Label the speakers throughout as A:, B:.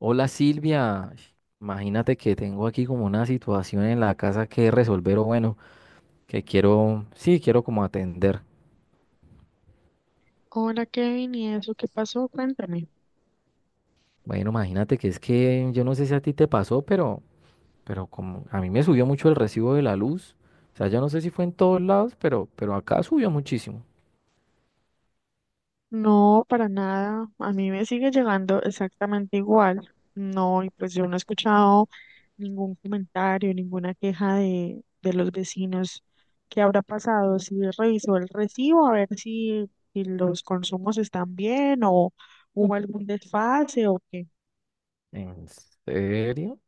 A: Hola Silvia, imagínate que tengo aquí como una situación en la casa que resolver o bueno, que quiero, sí, quiero como atender.
B: Hola Kevin, ¿y eso qué pasó? Cuéntame.
A: Bueno, imagínate que es que yo no sé si a ti te pasó, pero como a mí me subió mucho el recibo de la luz. O sea, yo no sé si fue en todos lados, pero acá subió muchísimo.
B: No, para nada. A mí me sigue llegando exactamente igual. No, y pues yo no he escuchado ningún comentario, ninguna queja de los vecinos. ¿Qué habrá pasado? Si revisó el recibo, a ver si los consumos están bien o hubo algún desfase o qué.
A: ¿En serio?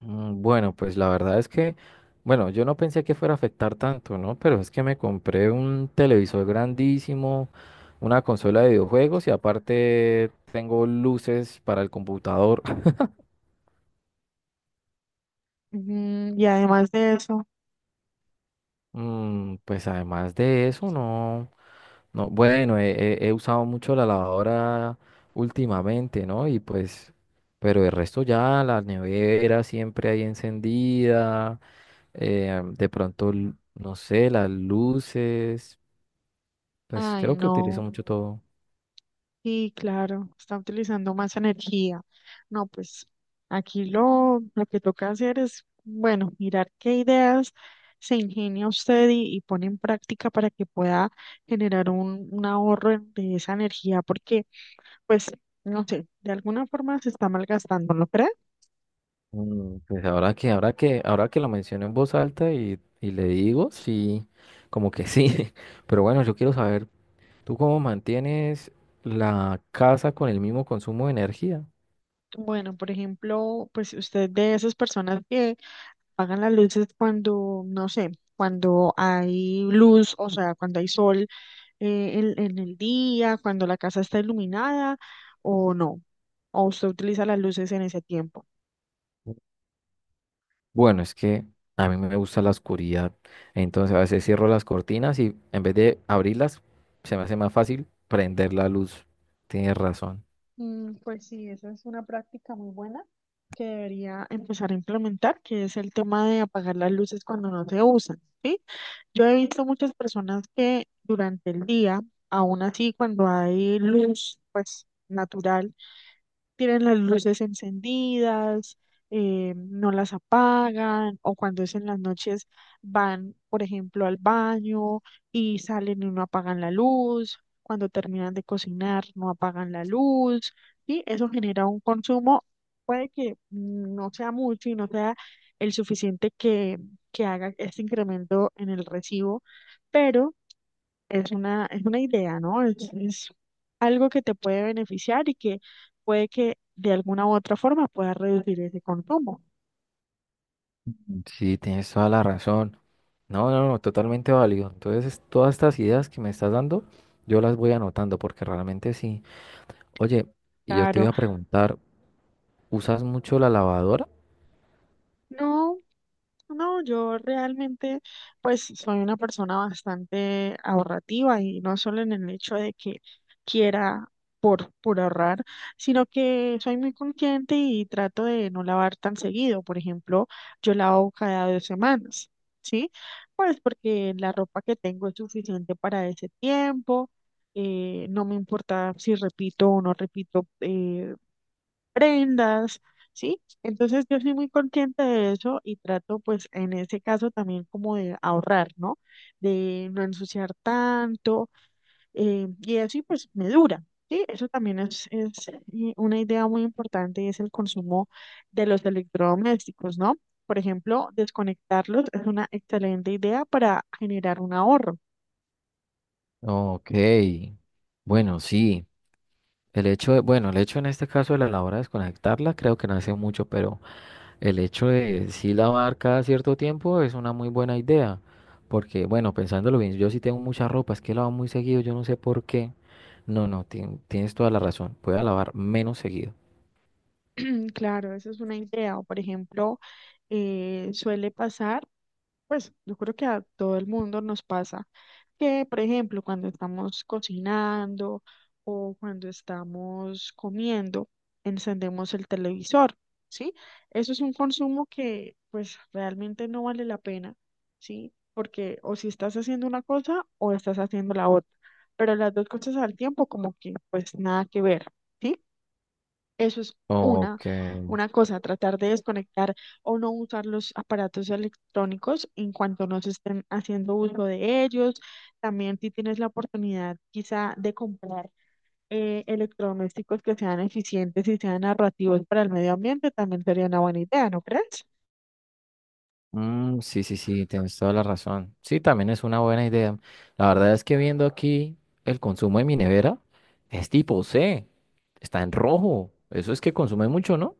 A: Bueno, pues la verdad es que, bueno, yo no pensé que fuera a afectar tanto, ¿no? Pero es que me compré un televisor grandísimo, una consola de videojuegos y aparte tengo luces para el computador.
B: Ujú, y además de eso,
A: Pues además de eso, no, no, bueno, he usado mucho la lavadora últimamente, ¿no? Y pues, pero el resto ya, la nevera siempre ahí encendida, de pronto, no sé, las luces. Pues
B: ay
A: creo que
B: no.
A: utilizo mucho todo.
B: Sí, claro, está utilizando más energía. No, pues aquí lo que toca hacer es, bueno, mirar qué ideas se ingenia usted y pone en práctica para que pueda generar un ahorro de esa energía, porque, pues, no sé, de alguna forma se está malgastando, ¿no cree?
A: Pues ahora que lo menciono en voz alta y le digo, sí, como que sí. Pero bueno, yo quiero saber, ¿tú cómo mantienes la casa con el mismo consumo de energía?
B: Bueno, por ejemplo, pues usted de esas personas que pagan las luces cuando, no sé, cuando hay luz, o sea, cuando hay sol, en el día, cuando la casa está iluminada o no? ¿O usted utiliza las luces en ese tiempo?
A: Bueno, es que a mí me gusta la oscuridad, entonces a veces cierro las cortinas y en vez de abrirlas, se me hace más fácil prender la luz. Tienes razón.
B: Pues sí, esa es una práctica muy buena que debería empezar a implementar, que es el tema de apagar las luces cuando no se usan, ¿sí? Yo he visto muchas personas que durante el día, aún así cuando hay luz, pues natural, tienen las luces encendidas, no las apagan, o cuando es en las noches van, por ejemplo, al baño y salen y no apagan la luz, cuando terminan de cocinar no apagan la luz, y eso genera un consumo, puede que no sea mucho y no sea el suficiente que haga este incremento en el recibo, pero es una idea, ¿no? Es algo que te puede beneficiar y que puede que de alguna u otra forma pueda reducir ese consumo.
A: Sí, tienes toda la razón. No, no, no, totalmente válido. Entonces, todas estas ideas que me estás dando, yo las voy anotando porque realmente sí. Oye, y yo te
B: Claro,
A: iba a preguntar, ¿usas mucho la lavadora?
B: no, no, yo realmente pues soy una persona bastante ahorrativa y no solo en el hecho de que quiera por ahorrar, sino que soy muy consciente y trato de no lavar tan seguido. Por ejemplo, yo lavo cada 2 semanas, ¿sí? Pues porque la ropa que tengo es suficiente para ese tiempo, no me importa si repito o no repito prendas, ¿sí? Entonces yo soy muy consciente de eso y trato pues en ese caso también como de ahorrar, ¿no? De no ensuciar tanto, y eso y pues me dura, ¿sí? Eso también es una idea muy importante y es el consumo de los electrodomésticos, ¿no? Por ejemplo, desconectarlos es una excelente idea para generar un ahorro.
A: Ok, bueno, sí. El hecho de, bueno, el hecho en este caso de la lavadora desconectarla, creo que no hace mucho, pero el hecho de sí lavar cada cierto tiempo es una muy buena idea. Porque, bueno, pensándolo bien, yo sí tengo mucha ropa, es que lavo muy seguido, yo no sé por qué. No, no, tienes toda la razón. Voy a lavar menos seguido.
B: Claro, esa es una idea. O por ejemplo, suele pasar, pues yo creo que a todo el mundo nos pasa, que por ejemplo cuando estamos cocinando o cuando estamos comiendo, encendemos el televisor, ¿sí? Eso es un consumo que pues realmente no vale la pena, ¿sí? Porque o si estás haciendo una cosa o estás haciendo la otra, pero las dos cosas al tiempo como que pues nada que ver. ¿Sí? Eso es
A: Ok.
B: una cosa, tratar de desconectar o no usar los aparatos electrónicos en cuanto no se estén haciendo uso de ellos. También si tienes la oportunidad quizá de comprar, electrodomésticos que sean eficientes y sean narrativos para el medio ambiente, también sería una buena idea, ¿no crees?
A: Mm, sí, sí, sí, tienes toda la razón. Sí, también es una buena idea. La verdad es que viendo aquí el consumo de mi nevera, es tipo C, está en rojo. Eso es que consume mucho, ¿no?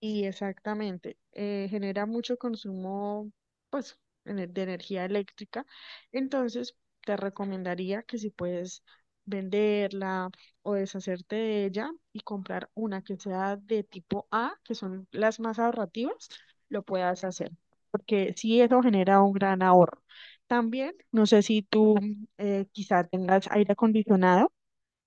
B: Y exactamente, genera mucho consumo, pues, de energía eléctrica. Entonces, te recomendaría que si puedes venderla o deshacerte de ella y comprar una que sea de tipo A, que son las más ahorrativas, lo puedas hacer, porque sí eso genera un gran ahorro. También, no sé si tú, quizá tengas aire acondicionado,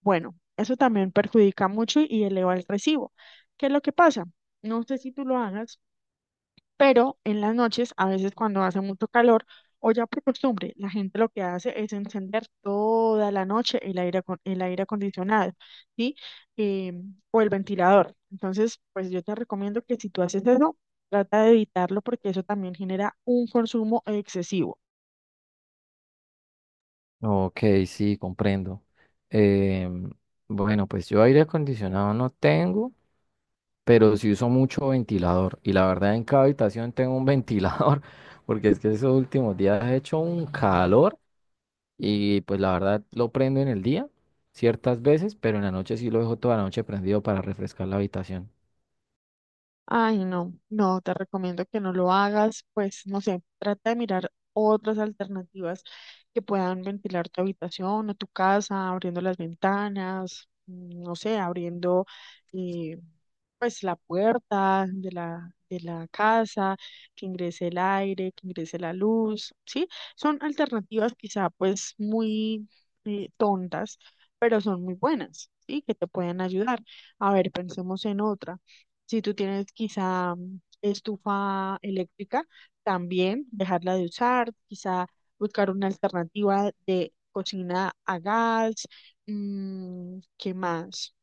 B: bueno, eso también perjudica mucho y eleva el recibo. ¿Qué es lo que pasa? No sé si tú lo hagas, pero en las noches, a veces cuando hace mucho calor, o ya por costumbre, la gente lo que hace es encender toda la noche el aire, el aire acondicionado, ¿sí? Eh, o el ventilador. Entonces, pues yo te recomiendo que si tú haces eso, trata de evitarlo porque eso también genera un consumo excesivo.
A: Ok, sí, comprendo. Em, bueno, pues yo aire acondicionado no tengo, pero sí uso mucho ventilador. Y la verdad en cada habitación tengo un ventilador, porque es que esos últimos días he hecho un calor. Y pues la verdad lo prendo en el día ciertas veces, pero en la noche sí lo dejo toda la noche prendido para refrescar la habitación.
B: Ay, no, no, te recomiendo que no lo hagas, pues no sé, trata de mirar otras alternativas que puedan ventilar tu habitación o tu casa, abriendo las ventanas, no sé, abriendo, eh, pues la puerta de la casa, que ingrese el aire, que ingrese la luz, ¿sí? Son alternativas quizá pues muy, tontas, pero son muy buenas, ¿sí? Que te pueden ayudar. A ver, pensemos en otra. Si tú tienes quizá estufa eléctrica, también dejarla de usar, quizá buscar una alternativa de cocina a gas, ¿qué más?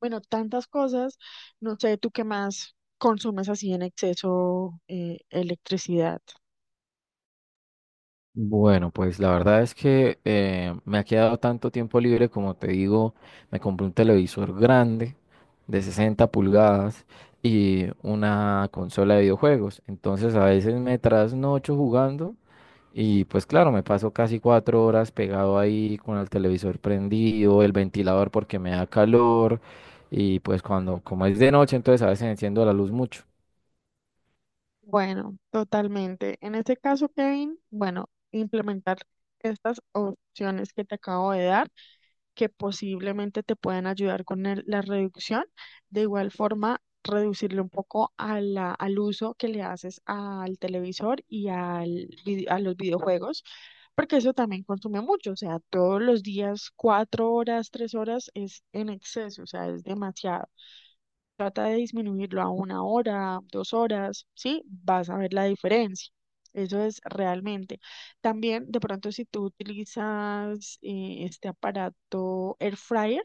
B: Bueno, tantas cosas. No sé, ¿tú qué más consumes así en exceso, electricidad?
A: Bueno, pues la verdad es que me ha quedado tanto tiempo libre, como te digo, me compré un televisor grande de 60 pulgadas y una consola de videojuegos. Entonces a veces me trasnocho jugando. Y pues claro, me paso casi 4 horas pegado ahí con el televisor prendido, el ventilador porque me da calor. Y pues cuando, como es de noche, entonces a veces enciendo la luz mucho.
B: Bueno, totalmente. En este caso, Kevin, bueno, implementar estas opciones que te acabo de dar, que posiblemente te puedan ayudar con la reducción. De igual forma, reducirle un poco a al uso que le haces al televisor y al, a los videojuegos, porque eso también consume mucho. O sea, todos los días, 4 horas, 3 horas es en exceso, o sea, es demasiado. Trata de disminuirlo a 1 hora, 2 horas, ¿sí? Vas a ver la diferencia. Eso es realmente. También, de pronto, si tú utilizas este aparato air fryer,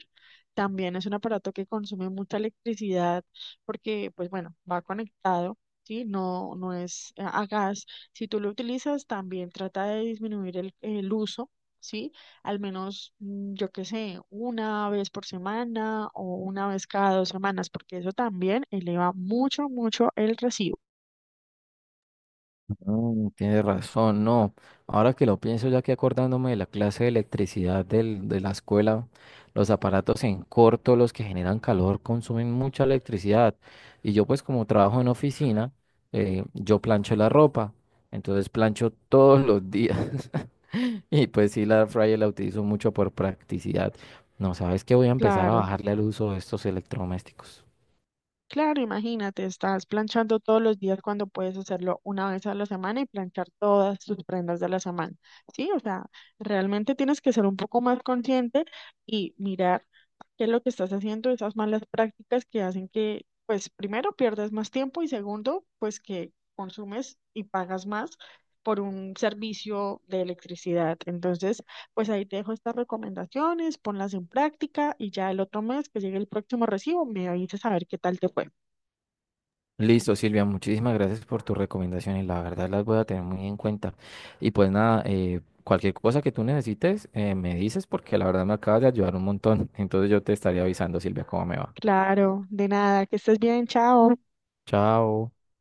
B: también es un aparato que consume mucha electricidad porque, pues bueno, va conectado, ¿sí? No, no es a gas. Si tú lo utilizas, también trata de disminuir el uso, ¿sí?, al menos, yo qué sé, una vez por semana o una vez cada 2 semanas, porque eso también eleva mucho, mucho el recibo.
A: Tienes razón, no. Ahora que lo pienso, ya que acordándome de la clase de electricidad de la escuela, los aparatos en corto, los que generan calor, consumen mucha electricidad. Y yo pues como trabajo en oficina, yo plancho la ropa, entonces plancho todos los días. Y pues sí, la air fryer la utilizo mucho por practicidad. No, sabes que voy a empezar a
B: Claro.
A: bajarle al uso de estos electrodomésticos.
B: Claro, imagínate, estás planchando todos los días cuando puedes hacerlo una vez a la semana y planchar todas tus prendas de la semana. Sí, o sea, realmente tienes que ser un poco más consciente y mirar qué es lo que estás haciendo, esas malas prácticas que hacen que, pues, primero pierdas más tiempo y segundo, pues que consumes y pagas más por un servicio de electricidad. Entonces, pues ahí te dejo estas recomendaciones, ponlas en práctica y ya el otro mes que llegue el próximo recibo me avisas a ver qué tal te fue.
A: Listo, Silvia, muchísimas gracias por tus recomendaciones. La verdad las voy a tener muy en cuenta. Y pues nada, cualquier cosa que tú necesites, me dices porque la verdad me acabas de ayudar un montón. Entonces yo te estaría avisando, Silvia, cómo me va.
B: Claro, de nada, que estés bien, chao.
A: Chao.